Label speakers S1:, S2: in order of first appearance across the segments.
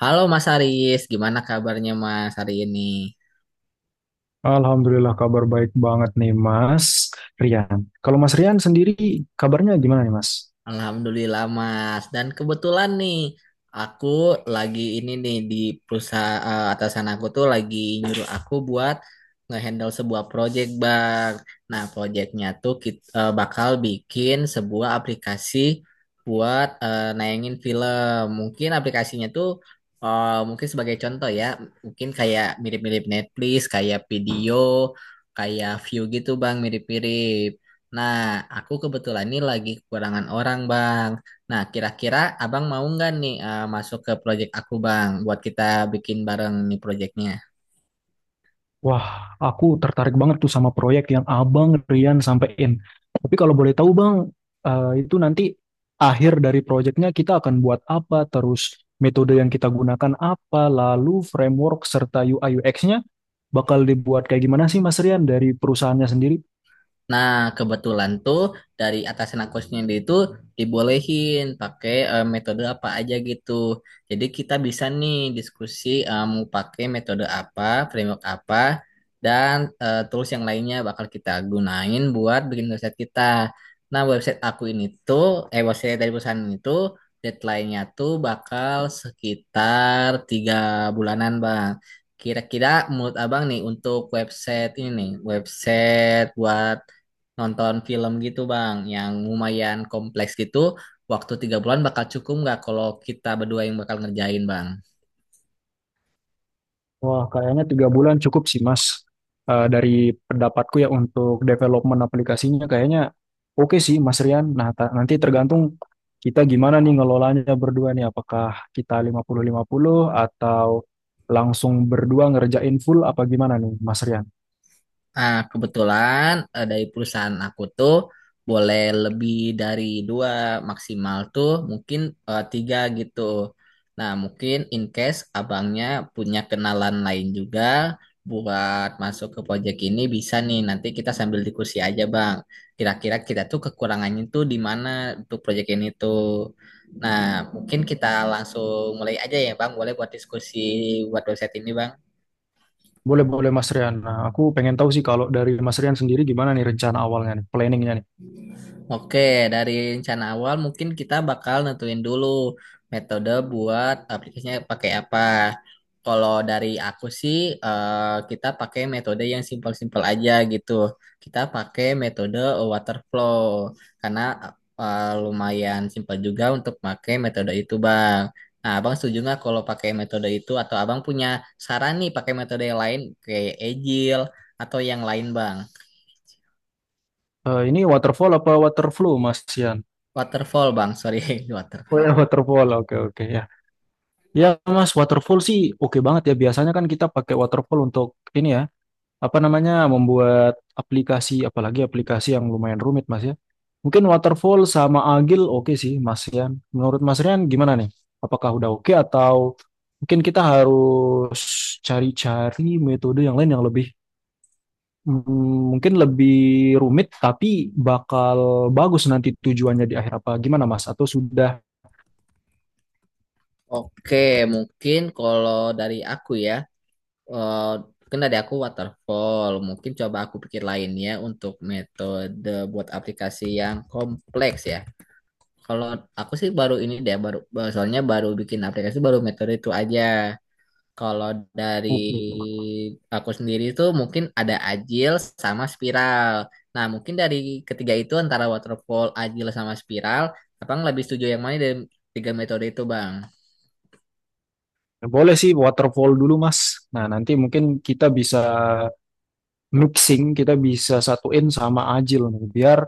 S1: Halo Mas Haris, gimana kabarnya Mas hari ini?
S2: Alhamdulillah kabar baik banget nih Mas Rian. Kalau Mas Rian sendiri kabarnya gimana nih Mas?
S1: Alhamdulillah Mas. Dan kebetulan nih aku lagi ini nih di perusahaan atasan aku tuh lagi nyuruh aku buat ngehandle sebuah project Bang. Nah, projectnya tuh kita bakal bikin sebuah aplikasi buat nayangin film. Mungkin aplikasinya tuh mungkin sebagai contoh ya, mungkin kayak mirip-mirip Netflix, kayak video, kayak view gitu Bang, mirip-mirip. Nah, aku kebetulan ini lagi kekurangan orang, Bang. Nah, kira-kira Abang mau nggak nih masuk ke proyek aku, Bang, buat kita bikin bareng nih proyeknya?
S2: Wah, aku tertarik banget tuh sama proyek yang Abang Rian sampein. Tapi kalau boleh tahu Bang, itu nanti akhir dari proyeknya kita akan buat apa, terus metode yang kita gunakan apa, lalu framework serta UI UX-nya bakal dibuat kayak gimana sih Mas Rian dari perusahaannya sendiri?
S1: Nah, kebetulan tuh dari atasan aku sendiri itu dibolehin pakai metode apa aja gitu. Jadi kita bisa nih diskusi mau pakai metode apa, framework apa, dan tools yang lainnya bakal kita gunain buat bikin website kita. Nah, website aku ini tuh, website dari perusahaan ini tuh deadline-nya tuh bakal sekitar tiga bulanan, Bang. Kira-kira menurut Abang nih untuk website ini nih, website buat nonton film gitu Bang, yang lumayan kompleks gitu, waktu tiga bulan bakal cukup nggak kalau kita berdua yang bakal ngerjain Bang?
S2: Wah, kayaknya tiga bulan cukup sih, Mas. Dari pendapatku ya untuk development aplikasinya kayaknya oke sih, Mas Rian. Nah, nanti tergantung kita gimana nih ngelolanya berdua nih. Apakah kita lima puluh atau langsung berdua ngerjain full apa gimana nih, Mas Rian?
S1: Nah, kebetulan dari perusahaan aku tuh boleh lebih dari dua, maksimal tuh mungkin tiga gitu. Nah, mungkin in case abangnya punya kenalan lain juga buat masuk ke proyek ini bisa nih. Nanti kita sambil diskusi aja, Bang. Kira-kira kita tuh kekurangannya tuh di mana untuk proyek ini tuh. Nah, mungkin kita langsung mulai aja ya, Bang. Boleh buat diskusi buat website ini, Bang.
S2: Boleh-boleh, Mas Rian. Nah, aku pengen tahu sih kalau dari Mas Rian sendiri gimana nih rencana awalnya nih, planningnya nih.
S1: Oke, dari rencana awal mungkin kita bakal nentuin dulu metode buat aplikasinya pakai apa. Kalau dari aku sih, kita pakai metode yang simpel-simpel aja gitu. Kita pakai metode waterflow karena lumayan simpel juga untuk pakai metode itu, Bang. Nah, Abang setuju nggak kalau pakai metode itu atau Abang punya saran nih pakai metode yang lain kayak Agile atau yang lain, Bang?
S2: Eh, ini waterfall apa waterflow, Mas Rian?
S1: Waterfall, Bang. Sorry,
S2: Oh
S1: waterfall.
S2: ya, waterfall. Oke, oke. Ya. Ya mas, waterfall sih oke banget ya. Biasanya kan kita pakai waterfall untuk ini ya, apa namanya, membuat aplikasi, apalagi aplikasi yang lumayan rumit mas ya. Mungkin waterfall sama Agile oke sih mas Rian. Menurut mas Rian gimana nih? Apakah udah oke atau mungkin kita harus cari-cari metode yang lain yang lebih mungkin lebih rumit tapi bakal bagus nanti tujuannya di akhir apa? Gimana mas? Atau sudah
S1: Oke, mungkin kalau dari aku ya, eh, mungkin dari aku waterfall. Mungkin coba aku pikir lainnya untuk metode buat aplikasi yang kompleks ya. Kalau aku sih baru ini deh, baru baru- soalnya baru bikin aplikasi baru metode itu aja. Kalau dari
S2: oke?
S1: aku sendiri itu mungkin ada agile sama spiral. Nah, mungkin dari ketiga itu antara waterfall, agile sama spiral, abang lebih setuju yang mana dari tiga metode itu, Bang?
S2: Boleh sih waterfall dulu Mas. Nah nanti mungkin kita bisa mixing, kita bisa satuin sama Ajil nih, biar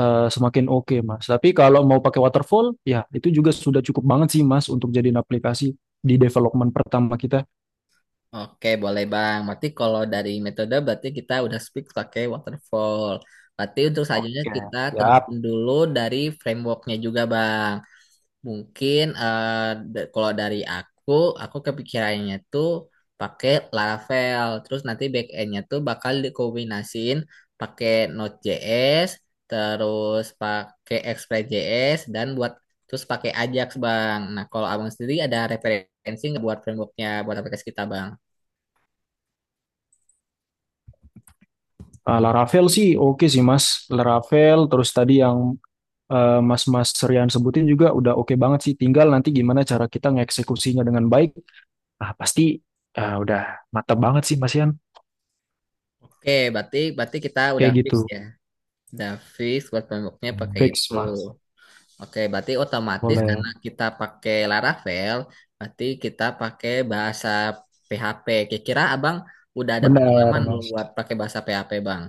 S2: semakin oke Mas. Tapi kalau mau pakai waterfall, ya itu juga sudah cukup banget sih Mas untuk jadiin aplikasi di development pertama kita.
S1: Oke, boleh Bang. Berarti kalau dari metode berarti kita udah speak pakai waterfall. Berarti untuk selanjutnya
S2: Oke,
S1: kita
S2: siap.
S1: tentuin dulu dari frameworknya juga Bang. Mungkin kalau dari aku kepikirannya tuh pakai Laravel. Terus nanti backendnya tuh bakal dikombinasiin pakai Node.js, terus pakai Express.js, dan buat terus pakai Ajax Bang. Nah, kalau Abang sendiri ada referensi nggak buat frameworknya buat aplikasi kita Bang?
S2: Eh, Laravel sih oke sih Mas. Laravel terus tadi yang Mas-Mas Rian sebutin juga udah oke banget sih. Tinggal nanti gimana cara kita ngeksekusinya dengan baik. Pasti udah mantap banget sih Mas Rian.
S1: Oke, berarti berarti kita udah
S2: Kayak
S1: fix
S2: gitu.
S1: ya. Udah fix buat pemboknya pakai
S2: Fix,
S1: itu.
S2: Mas.
S1: Oke, berarti otomatis
S2: Boleh.
S1: karena kita pakai Laravel, berarti kita pakai bahasa PHP. Kira-kira Abang udah ada
S2: Benar,
S1: pengalaman belum
S2: Mas.
S1: buat pakai bahasa PHP, Bang?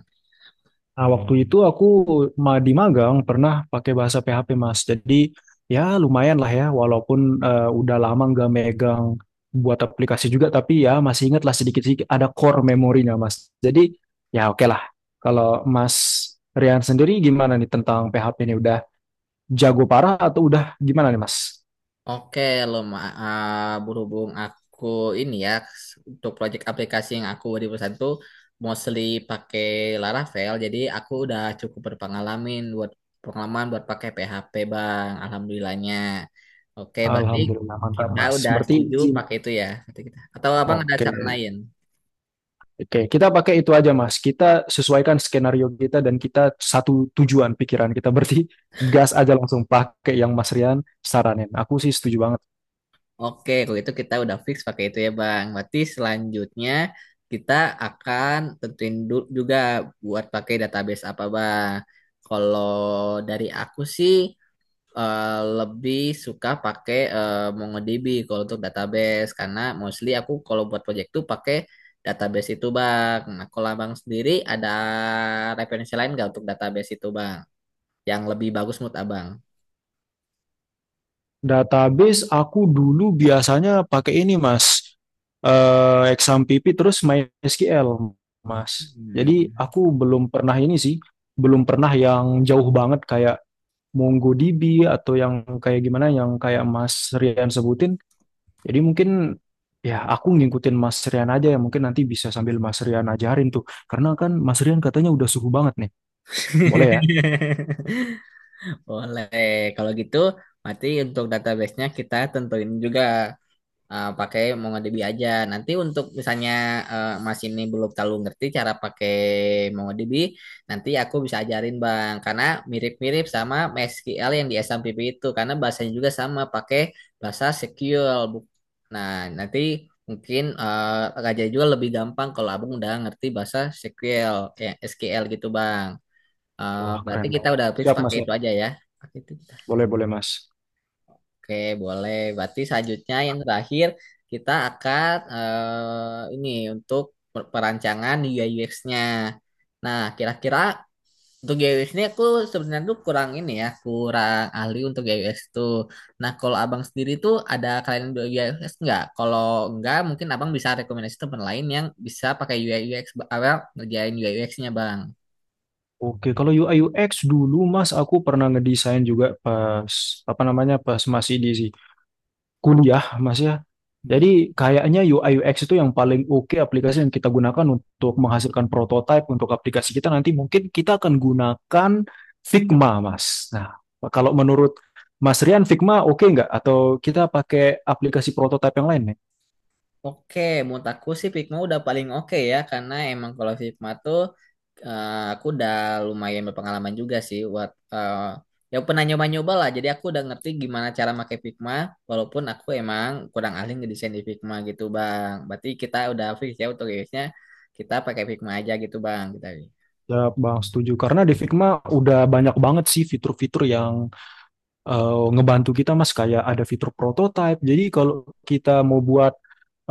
S2: Nah, waktu itu aku di magang pernah pakai bahasa PHP, Mas. Jadi, ya lumayan lah ya, walaupun udah lama nggak megang buat aplikasi juga, tapi ya masih ingat lah sedikit-sedikit ada core memorinya, Mas. Jadi, ya oke lah. Kalau Mas Rian sendiri gimana nih tentang PHP ini? Udah jago parah atau udah gimana nih, Mas?
S1: Oke, lo Ma- ah, Berhubung aku ini ya untuk proyek aplikasi yang aku di perusahaan tuh mostly pakai Laravel, jadi aku udah cukup berpengalaman buat pengalaman buat pakai PHP, Bang. Alhamdulillahnya. Oke, berarti
S2: Alhamdulillah, mantap,
S1: kita
S2: Mas.
S1: udah
S2: Berarti,
S1: setuju
S2: izin.
S1: pakai itu ya, kata kita. Atau Abang ada
S2: Oke.
S1: saran lain?
S2: Oke, kita pakai itu aja, Mas. Kita sesuaikan skenario kita dan kita satu tujuan pikiran kita. Berarti gas aja langsung pakai yang Mas Rian saranin. Aku sih setuju banget.
S1: Oke, kalau itu kita udah fix pakai itu ya, Bang. Berarti selanjutnya kita akan juga buat pakai database apa, Bang. Kalau dari aku sih eh, lebih suka pakai MongoDB kalau untuk database karena mostly aku kalau buat project tuh pakai database itu, Bang. Nah, kalau Abang sendiri ada referensi lain nggak untuk database itu, Bang? Yang lebih bagus menurut Abang?
S2: Database aku dulu biasanya pakai ini, Mas. Exam PP terus MySQL, Mas. Jadi
S1: Hmm.
S2: aku belum pernah ini sih, belum pernah yang jauh banget kayak MongoDB atau yang kayak gimana yang kayak Mas Rian sebutin. Jadi mungkin ya aku ngikutin Mas Rian aja ya, mungkin nanti bisa sambil Mas Rian ajarin tuh. Karena kan Mas Rian katanya udah suhu banget nih. Boleh ya?
S1: Boleh. Kalau gitu, nanti untuk database-nya kita tentuin juga pakai MongoDB aja. Nanti untuk misalnya Mas ini belum terlalu ngerti cara pakai MongoDB, nanti aku bisa ajarin Bang. Karena mirip-mirip sama MySQL yang di SMPP itu. Karena bahasanya juga sama, pakai bahasa SQL. Nah, nanti mungkin Raja juga lebih gampang kalau Abang udah ngerti bahasa SQL, kayak SQL gitu Bang.
S2: Wah
S1: Berarti
S2: keren
S1: kita
S2: banget.
S1: udah fix
S2: Siap Mas
S1: pakai
S2: ya?
S1: itu aja ya. Pakai itu kita.
S2: Boleh boleh Mas.
S1: Oke, boleh. Berarti selanjutnya yang terakhir kita akan ini untuk perancangan UI UX-nya. Nah, kira-kira untuk UI UX-nya aku sebenarnya tuh kurang ini ya, kurang ahli untuk UI UX tuh. Nah, kalau abang sendiri tuh ada kalian UI UX nggak? Kalau nggak, mungkin abang bisa rekomendasi teman lain yang bisa pakai UI UX, abang ngerjain UI UX-nya, bang.
S2: Oke kalau UI UX dulu Mas, aku pernah ngedesain juga pas apa namanya pas masih di kuliah Mas ya. Jadi kayaknya UI UX itu yang paling oke aplikasi yang kita gunakan untuk menghasilkan prototipe untuk aplikasi kita nanti, mungkin kita akan gunakan Figma, Mas. Nah, kalau menurut Mas Rian Figma oke nggak? Atau kita pakai aplikasi prototipe yang lain nih?
S1: Oke, menurut aku sih Figma udah paling oke ya, karena emang kalau Figma tuh aku udah lumayan berpengalaman juga sih buat ya pernah nyoba-nyoba lah. Jadi aku udah ngerti gimana cara pakai Figma, walaupun aku emang kurang ahli ngedesain di Figma gitu, Bang. Berarti kita udah fix ya untuk rilisnya kita pakai Figma aja gitu, Bang. Kita.
S2: Ya, Bang, setuju. Karena di Figma udah banyak banget sih fitur-fitur yang ngebantu kita Mas kayak ada fitur prototype. Jadi kalau kita mau buat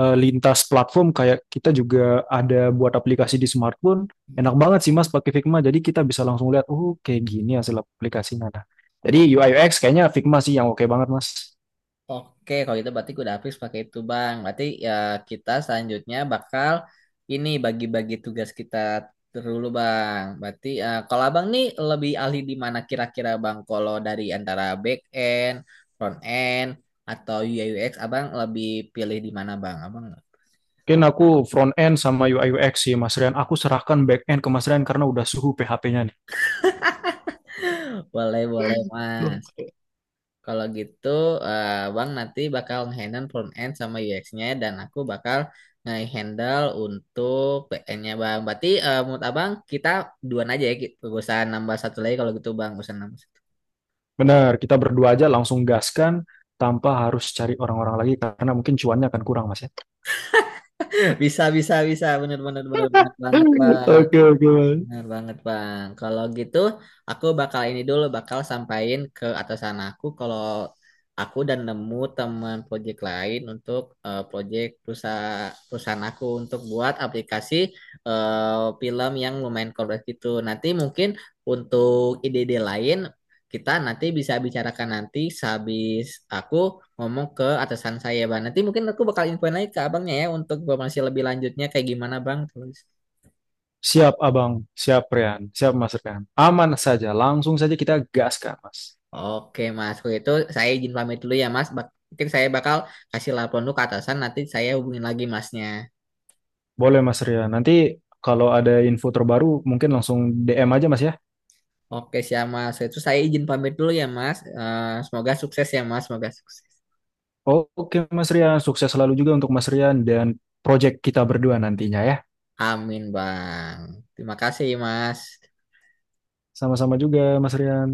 S2: lintas platform kayak kita juga ada buat aplikasi di smartphone, enak banget sih Mas pakai Figma. Jadi kita bisa langsung lihat, oh kayak gini hasil aplikasinya. Nah, jadi UI UX kayaknya Figma sih yang oke banget Mas.
S1: Oke, kalau itu berarti udah habis pakai itu, Bang. Berarti ya kita selanjutnya bakal ini bagi-bagi tugas kita dulu, Bang. Berarti kalau Abang nih lebih ahli di mana kira-kira, Bang? Kalau dari antara back end, front end, atau UI UX, Abang lebih pilih di mana, Bang? Abang
S2: Mungkin aku front end sama UI UX sih Mas Rian. Aku serahkan back end ke Mas Rian karena udah suhu PHP-nya nih.
S1: boleh, boleh, Mas. Kalau gitu, eh, Bang nanti bakal nge-handle front end sama UX-nya dan aku bakal nge-handle untuk back-end-nya, Bang. Berarti menurut Abang kita duaan aja ya, gitu. Gak usah nambah satu lagi kalau gitu, Bang. Gak usah nambah satu.
S2: Benar, kita berdua aja langsung gaskan tanpa harus cari orang-orang lagi karena mungkin cuannya akan kurang Mas ya.
S1: Bisa, bisa, bisa. Bener, bener, bener, bener banget, Bang.
S2: Oke, oke.
S1: Benar banget Bang. Kalau gitu aku bakal ini dulu bakal sampaikan ke atasan aku kalau aku dan nemu teman proyek lain untuk proyek perusahaan perusahaan aku untuk buat aplikasi film yang lumayan kompleks gitu. Nanti mungkin untuk ide-ide lain kita nanti bisa bicarakan nanti sehabis aku ngomong ke atasan saya Bang. Nanti mungkin aku bakal infoin lagi ke abangnya ya untuk informasi lebih lanjutnya kayak gimana Bang terus.
S2: Siap, Abang. Siap, Rian. Siap, Mas Rian. Aman saja. Langsung saja kita gaskan, Mas.
S1: Oke Mas, kalau itu saya izin pamit dulu ya Mas. Mungkin saya bakal kasih laporan dulu ke atasan, nanti saya hubungin lagi Masnya.
S2: Boleh, Mas Rian. Nanti kalau ada info terbaru, mungkin langsung DM aja, Mas, ya.
S1: Oke siap Mas, kalau itu saya izin pamit dulu ya Mas. Semoga sukses ya Mas, semoga sukses.
S2: Oke, Mas Rian. Sukses selalu juga untuk Mas Rian dan project kita berdua nantinya, ya.
S1: Amin Bang. Terima kasih Mas.
S2: Sama-sama juga, Mas Rian.